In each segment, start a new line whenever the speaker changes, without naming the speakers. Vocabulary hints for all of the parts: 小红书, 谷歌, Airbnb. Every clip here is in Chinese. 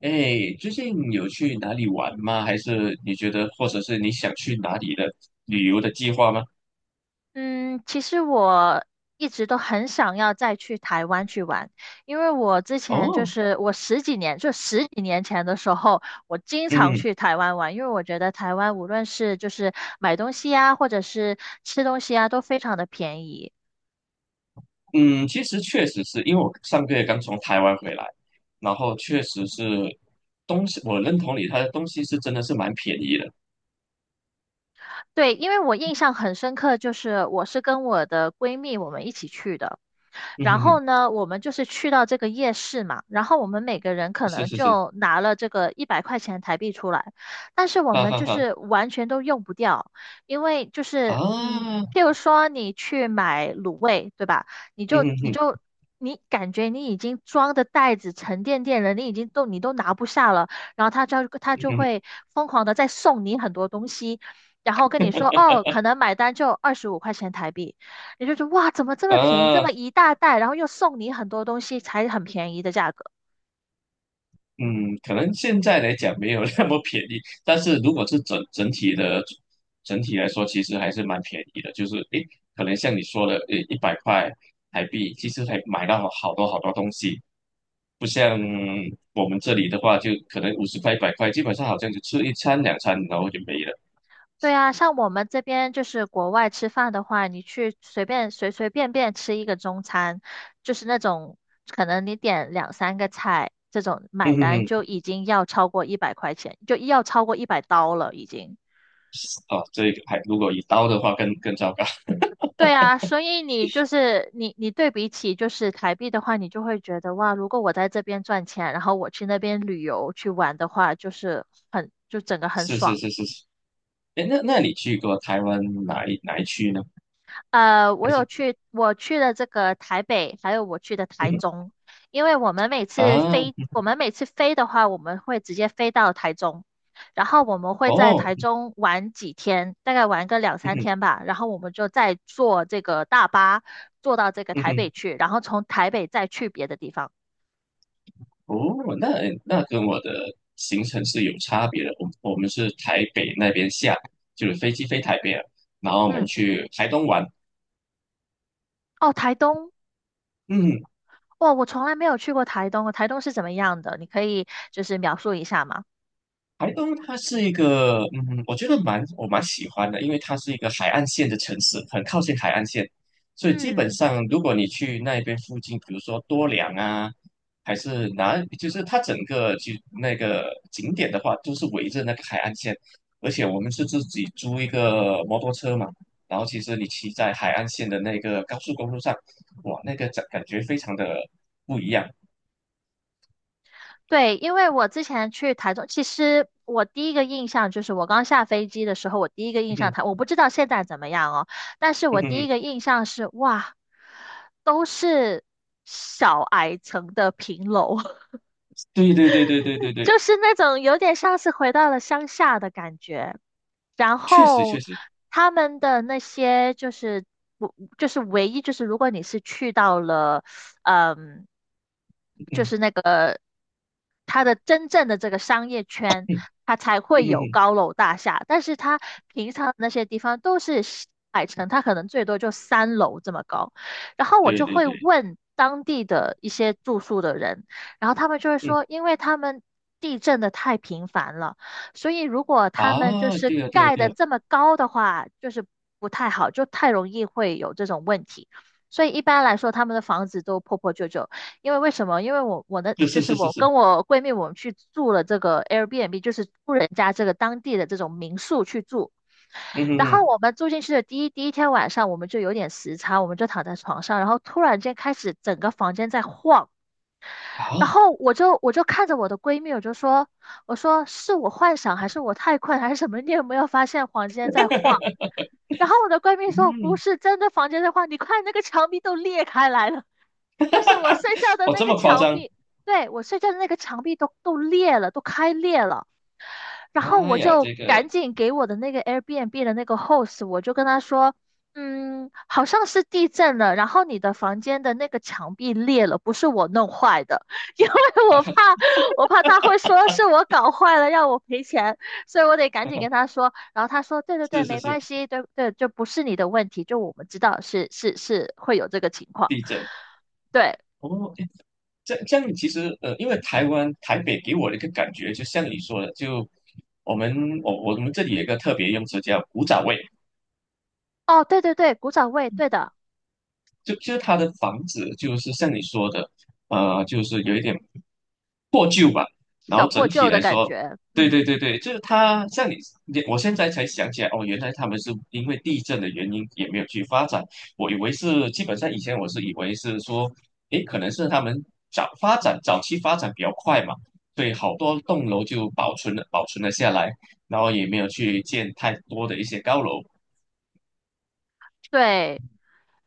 哎，最近有去哪里玩吗？还是你觉得，或者是你想去哪里的旅游的计划吗？
嗯，其实我一直都很想要再去台湾去玩，因为我之前就
哦，
是我十几年，就十几年前的时候，我经常
嗯
去台湾玩，因为我觉得台湾无论是就是买东西啊，或者是吃东西啊，都非常的便宜。
嗯，其实确实是因为我上个月刚从台湾回来，然后确实是东西，我认同你，它的东西是真的是蛮便宜的。
对，因为我印象很深刻，就是我是跟我的闺蜜我们一起去的，
嗯
然
哼
后
哼，
呢，我们就是去到这个夜市嘛，然后我们每个人可
是
能
是是，
就拿了这个100块钱台币出来，但是我
哈
们
哈
就
哈
是完全都用不掉，因为就是
啊，
譬如说你去买卤味，对吧？你
嗯
就
哼
你
哼，
就。你感觉你已经装的袋子沉甸甸了，你都拿不下了，然后他就他
嗯
就
哼
会疯狂的再送你很多东西，然后跟你说哦，可能买单就25块钱台币，你就觉得哇，怎么这
哼
么便宜，这
啊。
么一大袋，然后又送你很多东西，才很便宜的价格。
嗯，可能现在来讲没有那么便宜，但是如果是整体来说，其实还是蛮便宜的。就是诶，可能像你说的，诶，一百块台币，其实还买到好多好多东西，不像我们这里的话，就可能五十块、一百块，基本上好像就吃一餐两餐，然后就没了。
对啊，像我们这边就是国外吃饭的话，你去随随便便吃一个中餐，就是那种可能你点两三个菜，这种
嗯
买
哼
单
哼，
就已经要超过一百块钱，就要超过100刀了已经。
哦，这个还如果一刀的话更糟糕。
对啊，所以你对比起就是台币的话，你就会觉得哇，如果我在这边赚钱，然后我去那边旅游去玩的话，就是很，就整个很
是是
爽。
是是是，哎，那那你去过台湾哪一区呢？还是
我去了这个台北，还有我去的台
嗯哼
中，因为
啊
我们每次飞的话，我们会直接飞到台中，然后我们会在台
哦
中玩几天，大概玩个两
嗯
三
哼
天吧，然后我们就再坐这个大巴坐到这个
嗯
台
哼。
北
嗯
去，然后从台北再去别的地方。
哦，那那跟我的行程是有差别的。我们是台北那边下，就是飞机飞台北了，然后我们
嗯，
去台东玩。
哦，台东，
嗯，
哇，我从来没有去过台东，台东是怎么样的？你可以就是描述一下吗？
台东它是一个，嗯，我觉得蛮喜欢的，因为它是一个海岸线的城市，很靠近海岸线，所以基本
嗯。
上如果你去那边附近，比如说多良啊，还是哪，就是它整个就那个景点的话，都是围着那个海岸线，而且我们是自己租一个摩托车嘛，然后其实你骑在海岸线的那个高速公路上，哇，那个感觉非常的不一样，
对，因为我之前去台中，其实我第一个印象就是我刚下飞机的时候，我第一个印
嗯
象
哼，
台，我不知道现在怎么样哦，但是
嗯
我第
哼，
一个印象是哇，都是小矮层的平楼，
对对对对对对对，
就是那种有点像是回到了乡下的感觉。然
确实
后
确实，
他们的那些就是不就是唯一就是如果你是去到了，嗯，就
嗯。
是那个它的真正的这个商业圈，它才
嗯
会
哼
有
哼，
高楼大厦，但是它平常那些地方都是小矮层，它可能最多就3楼这么高。然后我
对
就
对
会
对，
问当地的一些住宿的人，然后他们就会
嗯
说，因为他们地震的太频繁了。所以如果他们就
啊，
是
对啊对啊
盖
对
的
啊，
这么高的话，就是不太好，就太容易会有这种问题。所以一般来说，他们的房子都破破旧旧。因为为什么？因为我我的
是
就
是
是
是是
我
是，
跟我闺蜜，我们去住了这个 Airbnb，就是住人家这个当地的这种民宿去住。
嗯哼
然后
哼
我们住进去的第一天晚上，我们就有点时差，我们就躺在床上，然后突然间开始整个房间在晃。然
啊，
后我就看着我的闺蜜，我就说，我说是我幻想还是我太困还是什么？你有没有发现房间在晃？然后我的闺蜜说不
嗯，
是真的房间在晃，你看那个墙壁都裂开来了，就是我睡觉的
哦
那
这
个
么夸
墙
张，
壁，对，我睡觉的那个墙壁都裂了，都开裂了。然后
妈
我
呀，
就
这个
赶紧给我的那个 Airbnb 的那个 host，我就跟他说，好像是地震了，然后你的房间的那个墙壁裂了，不是我弄坏的，因为
啊，
我怕我怕他会说是我搞坏了，让我赔钱，所以我得赶紧跟 他说。然后他说，对对对，
是是
没
是，
关系，对对，就不是你的问题，就我们知道是会有这个情况，
地震
对，
哦，诶这这样其实因为台湾台北给我的一个感觉，就像你说的，就我们我们这里有一个特别用词叫古早味，
哦，对对对，古早味，对的，
就就是它的房子就是像你说的，就是有一点破旧吧。然
小
后
破
整体
旧的
来
感
说，
觉，
对对
嗯。
对对，就是它像你，你我现在才想起来，哦，原来他们是因为地震的原因也没有去发展。我以为是基本上以前我是以为是说，诶，可能是他们早期发展比较快嘛，对，好多栋楼就保存了下来，然后也没有去建太多的一些高楼。
对，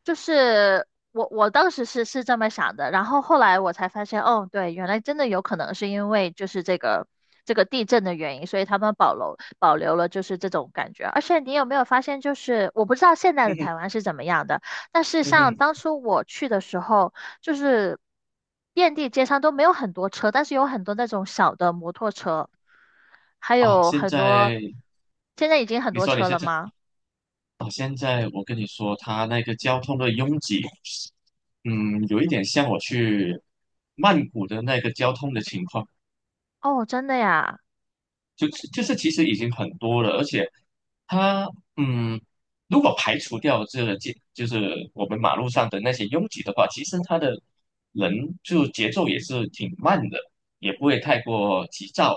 就是我当时是这么想的，然后后来我才发现，哦，对，原来真的有可能是因为就是这个地震的原因，所以他们保留保留了就是这种感觉。而且你有没有发现，就是我不知道现在的
嗯
台
哼
湾是怎么样的，但是
嗯
像
哼，
当初我去的时候，就是遍地街上都没有很多车，但是有很多那种小的摩托车，还
啊，
有
现
很多，
在
现在已经很
你
多
说你
车
现
了
在。
吗？
啊，现在我跟你说，它那个交通的拥挤，嗯，有一点像我去曼谷的那个交通的情况，
哦，真的呀。
就就是其实已经很多了，而且它，嗯，如果排除掉这个街，就是我们马路上的那些拥挤的话，其实它的人就节奏也是挺慢的，也不会太过急躁，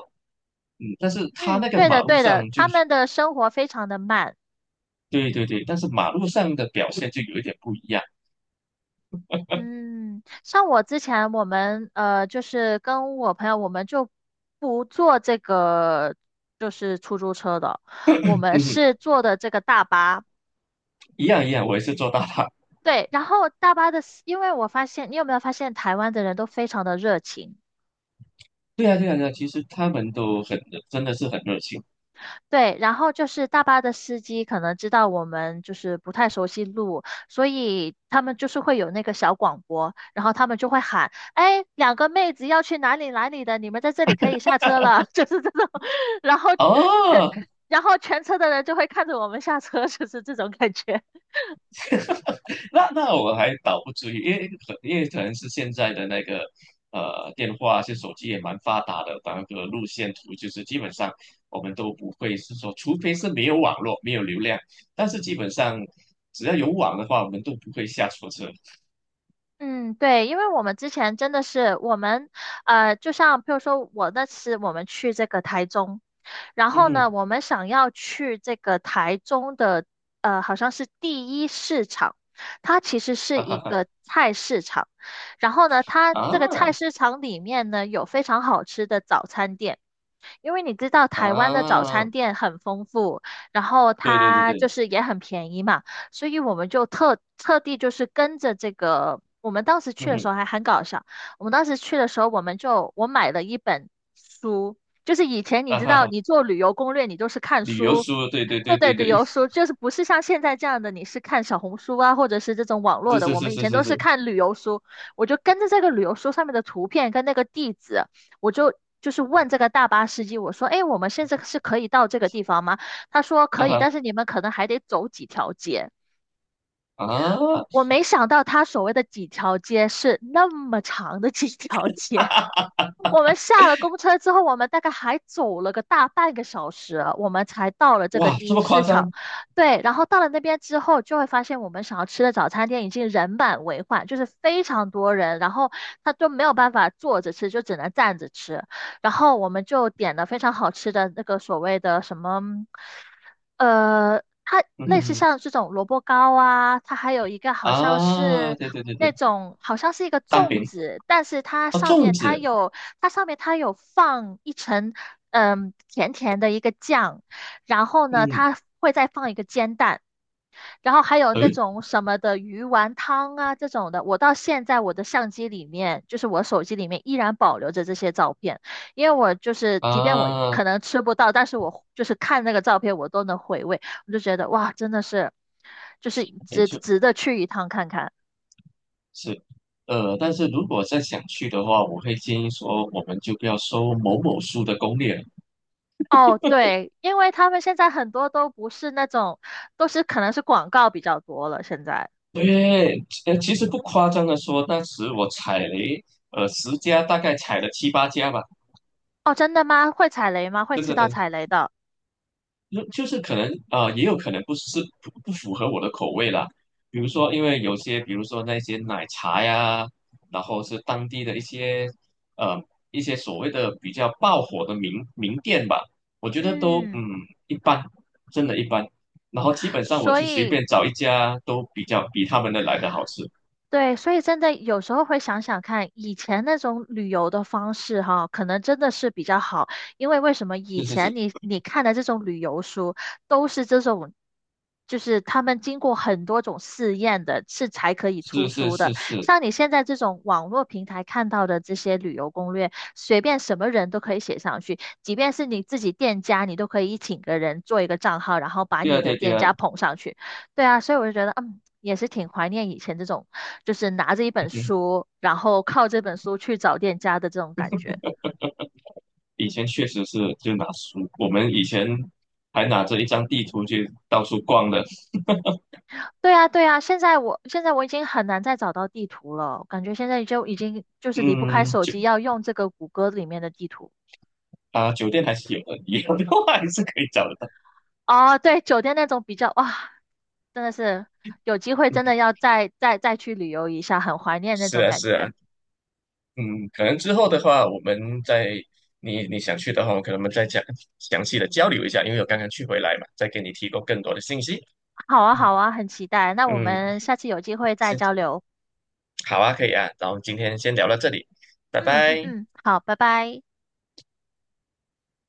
嗯，但是它
嗯，
那个
对的，
马路
对的，
上就
他
是，
们的生活非常的慢。
对对对，但是马路上的表现就有一点不一样。
嗯，像我之前我们就是跟我朋友，我们就不坐这个就是出租车的，我们
嗯，
是坐的这个大巴。
一样一样，我也是做大大。
对，然后大巴的司因为我发现，你有没有发现台湾的人都非常的热情？
对啊，对啊，对啊，其实他们都很热真的是很热情
对，然后就是大巴的司机可能知道我们就是不太熟悉路，所以他们就是会有那个小广播，然后他们就会喊：“哎，两个妹子要去哪里哪里的，你们在这里可以下车了。就是这种，然后全
哦。
然后全车的人就会看着我们下车，就是这种感觉。
那那我还倒不至于，因为可能是现在的那个电话啊，是手机也蛮发达的，把那个路线图就是基本上我们都不会是说，除非是没有网络没有流量，但是基本上只要有网的话，我们都不会下错车。
嗯，对，因为我们之前真的是我们，就像譬如说我那次我们去这个台中，然
嗯
后
哼，
呢，我们想要去这个台中的，好像是第一市场，它其实是
哈哈
一
哈
个菜市场。然后呢，它这个菜
啊
市场里面呢，有非常好吃的早餐店。因为你知道台湾的早
啊，
餐店很丰富，然后
对对对
它就
对，
是也很便宜嘛，所以我们就特地就是跟着这个，我们当时去
嗯
的时
哼，
候还很搞笑。我们当时去的时候，我们就我买了一本书，就是以前你
啊
知
哈
道，
哈，
你做旅游攻略，你就是看
旅游
书，
书，对对
对
对
对，
对
旅
对，
游书就是不是像现在这样的，你是看小红书啊，或者是这种网 络
是
的，
是
我
是
们以
是
前
是
都是
是。
看旅游书，我就跟着这个旅游书上面的图片跟那个地址，我就。就是问这个大巴司机，我说，哎，我们现在是可以到这个地方吗？他说可
啊
以，
哈
但是你们可能还得走几条街。
啊，
我没想到他所谓的几条街是那么长的几条街。我们下了公车之后，我们大概还走了个大半个小时，我们才到了这个
哇，
第
这
一
么夸
市场。
张？
对，然后到了那边之后，就会发现我们想要吃的早餐店已经人满为患，就是非常多人，然后他都没有办法坐着吃，就只能站着吃。然后我们就点了非常好吃的那个所谓的什么，它
嗯嗯
类似
嗯
像这种萝卜糕啊，它还有一个好像
啊，
是
对对对
那
对，
种好像是一个
蛋
粽
饼
子，但是它
啊，
上
粽
面它
子，
有它上面它有放一层甜甜的一个酱，然后呢
嗯，
它会再放一个煎蛋。然后还有那
诶
种什么的鱼丸汤啊这种的，我到现在我的相机里面，就是我手机里面依然保留着这些照片，因为我就是即便我
啊，
可能吃不到，但是我就是看那个照片，我都能回味，我就觉得哇，真的是，就是
也
值
就
值得去一趟看看。
是但是如果再想去的话，我会建议说，我们就不要收某某书的攻略了。
哦，对，因为他们现在很多都不是那种，都是可能是广告比较多了现在。
对，其实不夸张的说，当时我踩雷，十家大概踩了七八家吧，
哦，真的吗？会踩雷吗？会
真
吃
的
到
真
踩
的。
雷的。
就就是可能啊、也有可能不是不不符合我的口味啦。比如说，因为有些，比如说那些奶茶呀，然后是当地的一些呃一些所谓的比较爆火的名店吧，我觉得都
嗯，
嗯一般，真的一般。然后基本上我
所
就随
以
便找一家都比较比他们的来的好吃。
对，所以真的有时候会想想看，以前那种旅游的方式哈，可能真的是比较好，因为为什么以
是是是
前你看的这种旅游书都是这种，就是他们经过很多种试验的，是才可以
是
出
是
书的。
是是，
像你现在这种网络平台看到的这些旅游攻略，随便什么人都可以写上去，即便是你自己店家，你都可以请个人做一个账号，然后把
对
你
啊
的
对啊对
店
啊，
家捧上去。对啊，所以我就觉得，也是挺怀念以前这种，就是拿着一
嗯
本
哼，
书，然后靠这本书去找店家的这种感觉。
以前确实是就拿书，我们以前还拿着一张地图去到处逛的。
对啊，对啊，现在我已经很难再找到地图了，感觉现在就已经就是离不开
嗯，
手
酒
机，要用这个谷歌里面的地图。
啊，酒店还是有的，以后的话还是可以找得到。
哦，对，酒店那种比较，哇，真的是有机会真的要再去旅游一下，很怀念那
是
种
啊，
感
是啊，
觉。
嗯，可能之后的话，我们再你你想去的话，我可能我们再讲详细的交流一下，因为我刚刚去回来嘛，再给你提供更多的信息。
好啊，
嗯，
好啊，很期待。那我
嗯，
们下次有机会再
先
交流。
好啊，可以啊，然后今天先聊到这里，拜
嗯嗯
拜。
嗯，好，拜拜。